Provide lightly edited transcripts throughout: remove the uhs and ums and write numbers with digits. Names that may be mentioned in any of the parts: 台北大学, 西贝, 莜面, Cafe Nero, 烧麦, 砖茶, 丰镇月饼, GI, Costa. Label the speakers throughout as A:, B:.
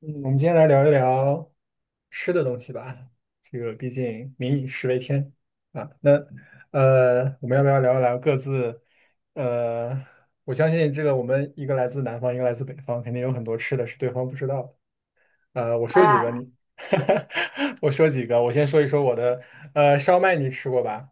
A: 嗯，我们今天来聊一聊吃的东西吧。这个毕竟民以食为天啊。那我们要不要聊一聊各自？呃，我相信这个我们一个来自南方，一个来自北方，肯定有很多吃的是对方不知道的。呃，我说几个
B: 哎，
A: 你，我先说一说我的。烧麦你吃过吧？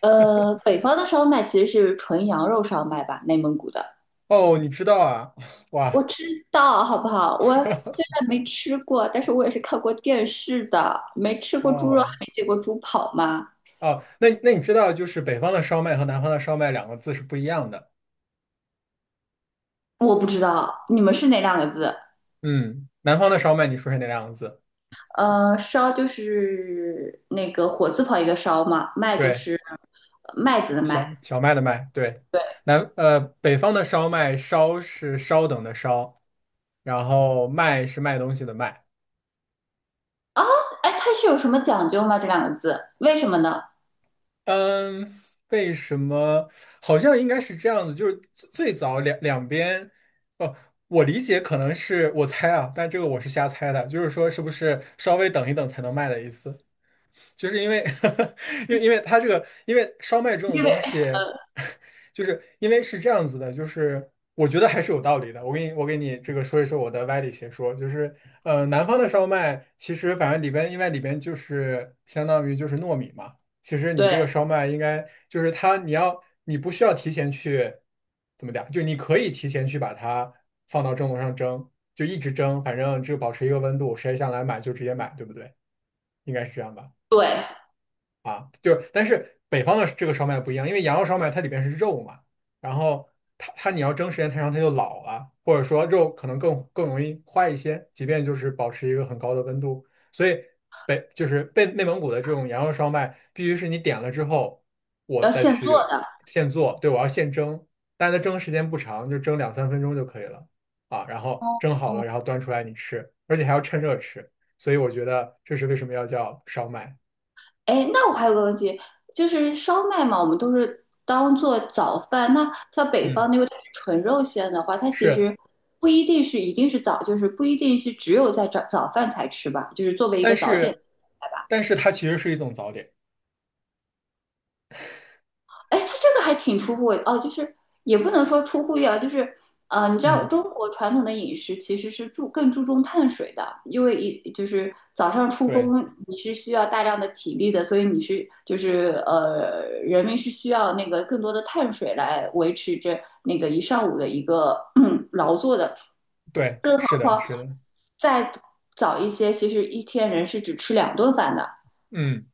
B: 北方的烧麦其实是纯羊肉烧麦吧，内蒙古的。
A: 哦，你知道啊？
B: 我
A: 哇，
B: 知道，好不好？我虽然没吃过，但是我也是看过电视的。没吃过猪肉，还
A: 哦
B: 没见过猪跑吗？
A: 哦，那你知道就是北方的烧麦和南方的烧麦两个字是不一样的。
B: 我不知道，你们是哪两个字？
A: 嗯，南方的烧麦你说是哪两个字，
B: 烧就是那个火字旁一个烧嘛，麦就
A: 对，
B: 是麦子的
A: 小
B: 麦。
A: 小麦的麦，对，
B: 对，
A: 北方的烧麦，烧是稍等的稍，然后卖是卖东西的卖。
B: 哎，它是有什么讲究吗？这两个字，为什么呢？
A: 嗯，为什么？好像应该是这样子，就是最早两边，哦，我理解可能是我猜啊，但这个我是瞎猜的，就是说是不是稍微等一等才能卖的意思？就是因为烧麦这种
B: 因为
A: 东西，就是因为是这样子的，就是我觉得还是有道理的。我给你这个说一说我的歪理邪说，就是南方的烧麦其实反正里边，因为里边就是相当于就是糯米嘛，其实你
B: 对
A: 这个烧麦应该就是它，你要你不需要提前去怎么讲，就你可以提前去把它放到蒸笼上蒸，就一直蒸，反正就保持一个温度，谁想来买就直接买，对不对？应该是这样吧。
B: 对，
A: 啊，就是，但是北方的这个烧麦不一样，因为羊肉烧麦它里边是肉嘛，然后它你要蒸时间太长，它就老了，或者说肉可能更容易坏一些，即便就是保持一个很高的温度，所以北就是被内蒙古的这种羊肉烧麦，必须是你点了之后，我
B: 要
A: 再
B: 现做
A: 去
B: 的。
A: 现做，对，我要现蒸，但它蒸时间不长，就蒸2、3分钟就可以了啊，然后蒸好了，然后端出来你吃，而且还要趁热吃，所以我觉得这是为什么要叫烧麦，
B: 哎，那我还有个问题，就是烧麦嘛，我们都是当做早饭。那像北
A: 嗯。
B: 方那个纯肉馅的话，它其
A: 是，
B: 实不一定是早，就是不一定是只有在早饭才吃吧，就是作为一个
A: 但
B: 早点。
A: 是，
B: 吧。
A: 但是它其实是一种早点。
B: 哎，它这个还挺出乎我哦，就是也不能说出乎意料，就是你知道
A: 嗯，
B: 中国传统的饮食其实是更注重碳水的，因为就是早上出
A: 对
B: 工你是需要大量的体力的，所以就是人民是需要那个更多的碳水来维持着那个一上午的一个劳作的。
A: 对，
B: 更好，
A: 是的，是的，
B: 再早一些，其实一天人是只吃2顿饭的，
A: 嗯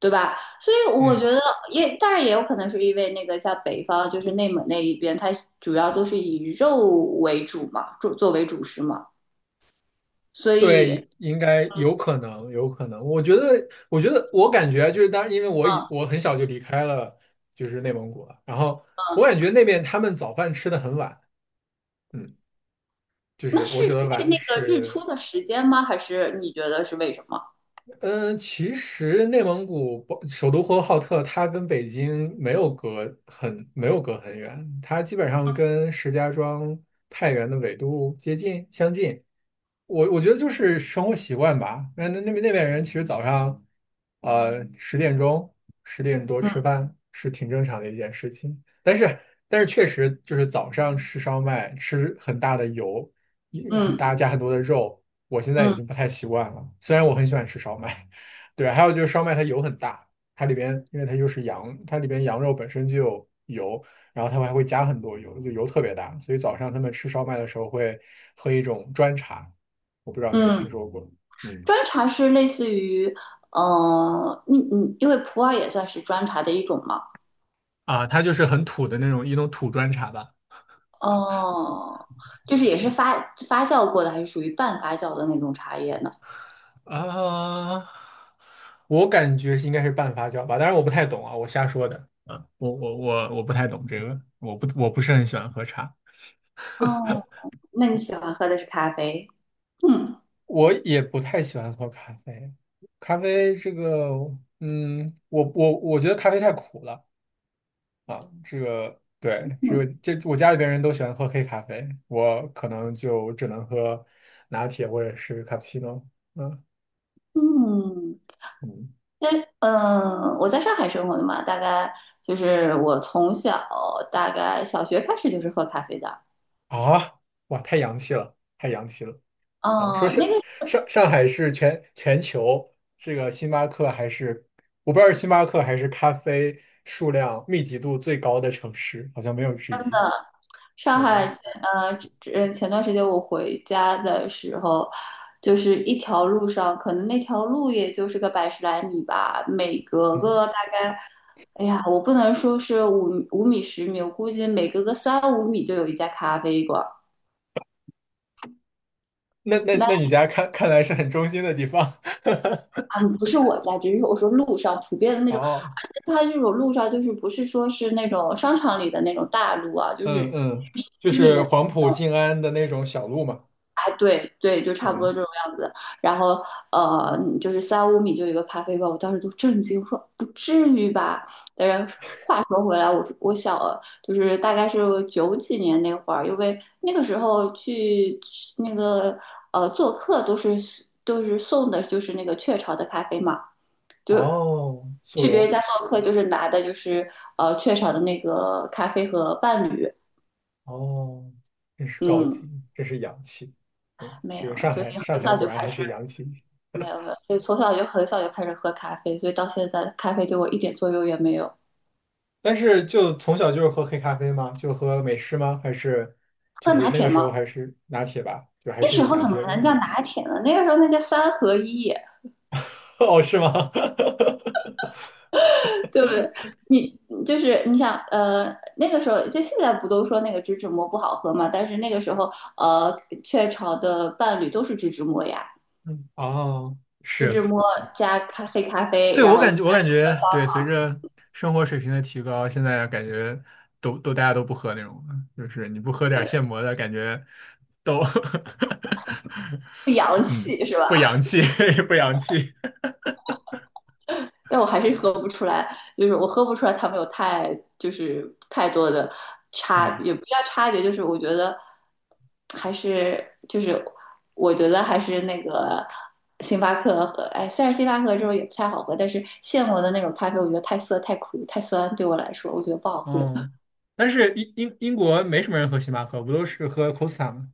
B: 对吧？所以我觉
A: 嗯，
B: 得也，当然也有可能是因为那个像北方，就是内蒙那一边，它主要都是以肉为主嘛，作为主食嘛，所以，
A: 对，应该有可能，有可能。我感觉就是，当然，因为我已
B: 嗯，
A: 我很小就离开了，就是内蒙古了。然后我感觉那边他们早饭吃的很晚，嗯，就
B: 那
A: 是我
B: 是
A: 指的
B: 因为
A: 晚
B: 那个日
A: 是
B: 出的时间吗？还是你觉得是为什么？
A: 嗯，其实内蒙古包首都呼和浩特，它跟北京没有隔很远，它基本上跟石家庄、太原的纬度接近相近。我我觉得就是生活习惯吧。那边人其实早上，呃，10点钟、10点多吃
B: 嗯
A: 饭是挺正常的一件事情。但是但是确实就是早上吃烧麦，吃很大的油，也很
B: 嗯
A: 大加很多的肉。我现在已
B: 嗯
A: 经不太习惯了。虽然我很喜欢吃烧麦，对，还有就是烧麦它油很大，它里边因为它又是羊，它里边羊肉本身就有油，然后它们还会加很多油，就油特别大，所以早上他们吃烧麦的时候会喝一种砖茶，我不知道有没有听
B: 嗯，
A: 说过，嗯，
B: 砖茶是类似于，嗯嗯，你因为普洱也算是砖茶的一种嘛，
A: 它就是很土的那种一种土砖茶吧，
B: 哦，就是也是发酵过的，还是属于半发酵的那种茶叶呢？
A: 啊，我感觉是应该是半发酵吧，当然我不太懂啊，我瞎说的。我不太懂这个，我不是很喜欢喝茶。
B: 哦，那你喜欢喝的是咖啡？嗯
A: 我也不太喜欢喝咖啡，咖啡这个，嗯，我觉得咖啡太苦了。对，只有
B: 嗯
A: 这我家里边人都喜欢喝黑咖啡，我可能就只能喝拿铁或者是卡布奇诺。嗯
B: 嗯，
A: 嗯，
B: 那我在上海生活的嘛，大概就是我从小大概小学开始就是喝咖啡的。
A: 啊，哇，太洋气了，太洋气了啊！说
B: 嗯，
A: 是
B: 那个
A: 上海是全球这个星巴克还是我不知道是星巴克还是咖啡数量密集度最高的城市，好像没有之一。
B: 上海
A: 嗯。
B: 前段时间我回家的时候，就是一条路上，可能那条路也就是个百十来米吧，每隔
A: 嗯
B: 个大概，哎呀，我不能说是五米10米，我估计每隔个三五米就有一家咖啡馆。
A: 那你家看来是很中心的地方，
B: 啊，不是我家，只是我说路上普遍的那
A: 然
B: 种，
A: 后
B: 而且它这种路上就是不是说是那种商场里的那种大路啊，就是
A: 嗯嗯，就
B: 区里
A: 是
B: 面，
A: 黄埔静安的那种小路嘛，
B: 哎，对对，就差不多
A: 嗯，
B: 这种样子。然后就是三五米就有一个咖啡馆，我当时都震惊，我说不至于吧？但是话说回来，我我小就是大概是九几年那会儿，因为那个时候去那个做客都是送的就是那个雀巢的咖啡嘛。就
A: 哦，速
B: 去别人
A: 溶，
B: 家做客，就是拿的就是雀巢的那个咖啡和伴侣，
A: 哦，真是高
B: 嗯，
A: 级，真是洋气，
B: 没
A: 这个
B: 有，
A: 上
B: 所
A: 海
B: 以
A: 上
B: 很
A: 海
B: 小
A: 果
B: 就
A: 然
B: 开
A: 还
B: 始
A: 是洋气一些。
B: 没有，没有，所以从小就很小就开始喝咖啡，所以到现在咖啡对我一点作用也没有。
A: 但是就从小就是喝黑咖啡吗？就喝美式吗？还是就
B: 喝
A: 是
B: 拿
A: 那个
B: 铁
A: 时
B: 吗？
A: 候还是拿铁吧，就还
B: 那时
A: 是以
B: 候
A: 拿
B: 怎么
A: 铁为
B: 能叫拿铁呢？那个时候那叫三合一，
A: 哦，是吗？
B: 对不对？你就是你想，那个时候就现在不都说那个植脂末不好喝嘛？但是那个时候，雀巢的伴侣都是植脂末呀。
A: 嗯，哦。
B: 芝
A: 是。
B: 摸加黑咖啡，
A: 对，
B: 然
A: 我
B: 后
A: 感觉，我感觉，对，随着生活水平的提高，现在感觉大家都不喝那种了，就是你不喝
B: 呃，
A: 点现磨的，感觉都
B: 不洋
A: 嗯
B: 气是吧？
A: 不洋 气，不洋气，
B: 但我还是喝不出来，就是我喝不出来他们有太就是太多的差，
A: 嗯
B: 也不叫差别，还是就是我觉得还是那个星巴克和哎，虽然星巴克这种也不太好喝，但是现磨的那种咖啡，我觉得太涩、太苦、太酸，对我来说，我觉得不好喝。
A: 哦，但是英国没什么人喝星巴克，不都是喝 Costa 吗？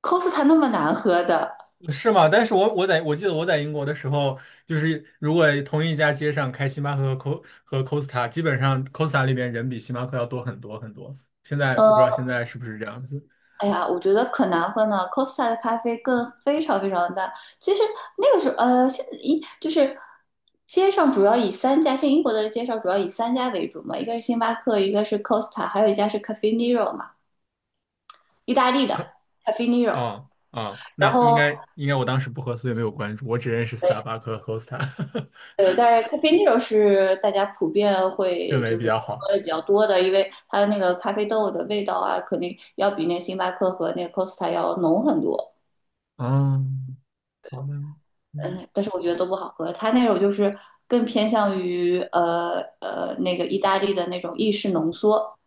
B: Costa 那么难喝的，
A: 是吗？但是我记得我在英国的时候，就是如果同一家街上开星巴克和 Costa,基本上 Costa 里边人比星巴克要多很多很多。现在我不知道
B: 呃。
A: 现在是不是这样子。
B: 哎呀，我觉得可难喝呢，Costa 的咖啡更非常非常大。其实那个时候，就是街上主要以三家，现在英国的街上主要以三家为主嘛，一个是星巴克，一个是 Costa,还有一家是 Cafe Nero 嘛，意大利的
A: 可
B: Cafe Nero。
A: 哦啊，
B: 然
A: 那应
B: 后，
A: 该应该我当时不喝，所以没有关注，我只认识
B: 对
A: Starbucks 和 Costa,
B: 对，但是 Cafe Nero 是大家普遍
A: 认
B: 会
A: 为
B: 就
A: 比
B: 是
A: 较好。
B: 喝的比较多的，因为它的那个咖啡豆的味道啊，肯定要比那星巴克和那个 Costa 要浓很多。
A: 嗯，好的，嗯，
B: 嗯，但是我觉得都不好喝。它那种就是更偏向于那个意大利的那种意式浓缩，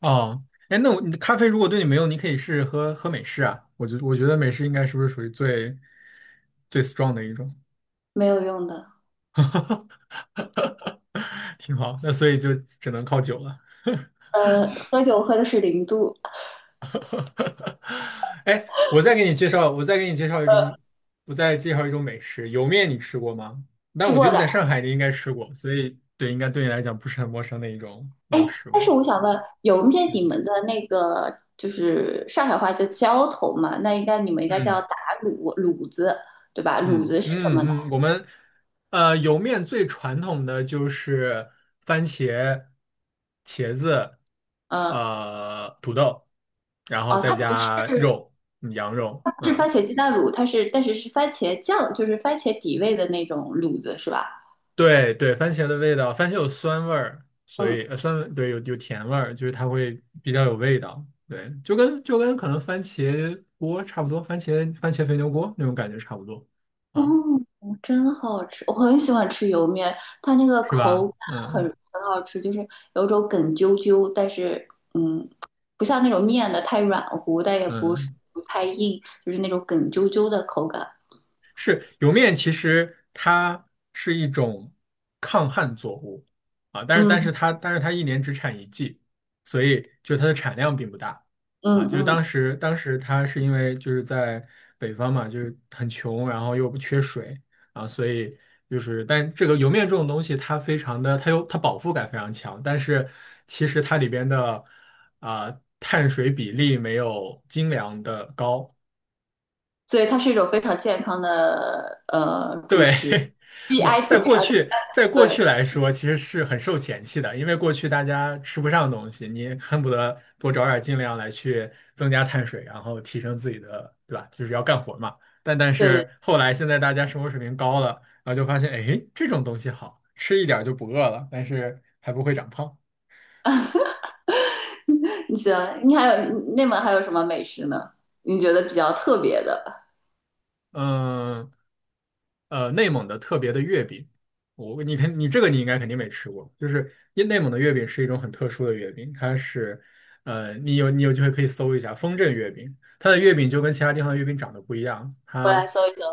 A: 哦，哎，那我你的咖啡如果对你没用，你可以试试喝喝美式啊。我觉得美式应该是不是属于最 strong 的一种？
B: 没有用的。
A: 挺好。那所以就只能靠酒了。
B: 喝酒喝的是0度，
A: 我再给你介绍一种，我再介绍一种美食，莜面你吃过吗？但
B: 吃
A: 我觉得
B: 过
A: 你
B: 的。
A: 在上海你应该吃过，所以对，应该对你来讲不是很陌生的一种食
B: 但
A: 物。
B: 是我想问，有面你
A: 嗯，
B: 们的那个就是上海话叫浇头嘛？那应该你们应该
A: 嗯
B: 叫打卤卤子，对吧？卤
A: 嗯
B: 子是什么呢？
A: 嗯嗯，我们莜面最传统的就是番茄、茄子、
B: 嗯、
A: 土豆，然后
B: 哦，
A: 再
B: 它不是
A: 加肉，嗯羊肉，
B: 不是
A: 嗯。
B: 番茄鸡蛋卤，但是是番茄酱，就是番茄底味的那种卤子，是吧？
A: 对对，番茄的味道，番茄有酸味儿，所
B: 嗯。
A: 以酸味对有甜味儿，就是它会比较有味道，对，就跟可能番茄锅差不多，番茄肥牛锅那种感觉差不多
B: 哦，
A: 啊，
B: 真好吃！我很喜欢吃油面，它那个
A: 是
B: 口
A: 吧？
B: 感很
A: 嗯
B: 很好吃，就是有种梗啾啾，但是嗯，不像那种面的太软乎，但也不是
A: 嗯，
B: 不太硬，就是那种梗啾啾的口感。
A: 是莜面，其实它是一种抗旱作物啊，但是但是
B: 嗯
A: 它但是它1年只产一季，所以就它的产量并不大啊。
B: 嗯
A: 就是
B: 嗯，
A: 当时它是因为就是在北方嘛，就是很穷，然后又不缺水啊，所以就是但这个莜面这种东西，它非常的它有它饱腹感非常强，但是其实它里边的啊、碳水比例没有精粮的高
B: 所以它是一种非常健康的主
A: 对，
B: 食
A: 不，
B: ，GI
A: 在
B: 特别
A: 过
B: 啊，
A: 去，在过
B: 对
A: 去来说，其实是很受嫌弃的，因为过去大家吃不上东西，你恨不得多找点儿尽量来去增加碳水，然后提升自己的，对吧？就是要干活嘛。但但
B: 对对，
A: 是后来现在大家生活水平高了，然后就发现，哎，这种东西好吃一点儿就不饿了，但是还不会长胖。
B: 你喜欢？你内蒙还有什么美食呢？你觉得比较特别的？
A: 嗯内蒙的特别的月饼，我你看你这个你应该肯定没吃过，就是因内蒙的月饼是一种很特殊的月饼，它是你有机会可以搜一下丰镇月饼，它的月饼就跟其他地方的月饼长得不一样，
B: 我
A: 它
B: 来搜一搜，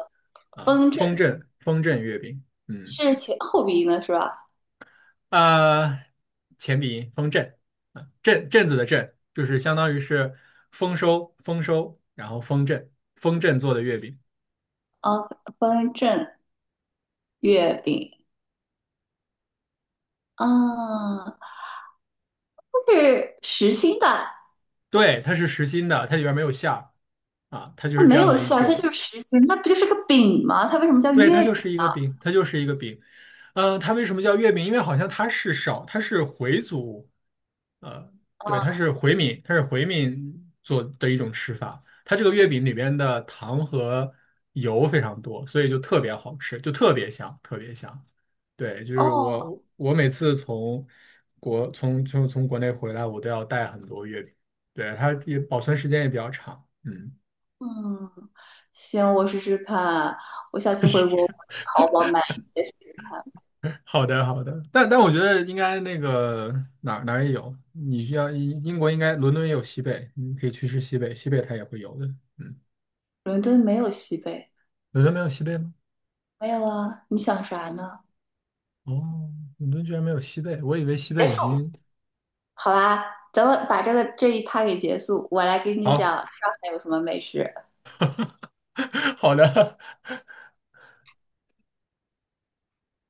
A: 啊
B: 风
A: 丰
B: 筝
A: 镇丰镇月饼，
B: 是前后鼻音的是吧？
A: 啊前鼻音丰镇，啊镇镇子的镇，就是相当于是丰收，然后丰镇做的月饼。
B: 啊，风筝月饼啊，它是实心的，
A: 对，它是实心的，它里边没有馅儿啊，它就
B: 它
A: 是这
B: 没
A: 样
B: 有
A: 的一
B: 馅儿，它
A: 种，
B: 就是实心，那不就是个饼吗？它为什么叫
A: 对，它
B: 月
A: 就
B: 饼？
A: 是一个饼，它就是一个饼。它为什么叫月饼？因为好像它是少，它是回族，呃，对，它
B: 啊，
A: 是回民，它是回民做的一种吃法。它这个月饼里边的糖和油非常多，所以就特别好吃，就特别香，特别香。对，就是
B: 哦，
A: 我每次从国从从从国内回来，我都要带很多月饼，对，它也保存时间也比较长。嗯。
B: 嗯，行，我试试看，我下次回国我去淘宝买一些试试看。
A: 好的，好的，但但我觉得应该那个哪儿哪儿也有，你需要英国应该伦敦也有西贝，你可以去吃西贝，西贝它也会有的。嗯，
B: 伦敦没有西贝，
A: 伦敦没有西贝吗？
B: 没有啊，你想啥呢？
A: 哦，伦敦居然没有西贝，我以为西
B: 结
A: 贝已
B: 束，
A: 经
B: 好吧，咱们把这一趴给结束。我来给你
A: 好
B: 讲上海有什么美食。
A: 好的，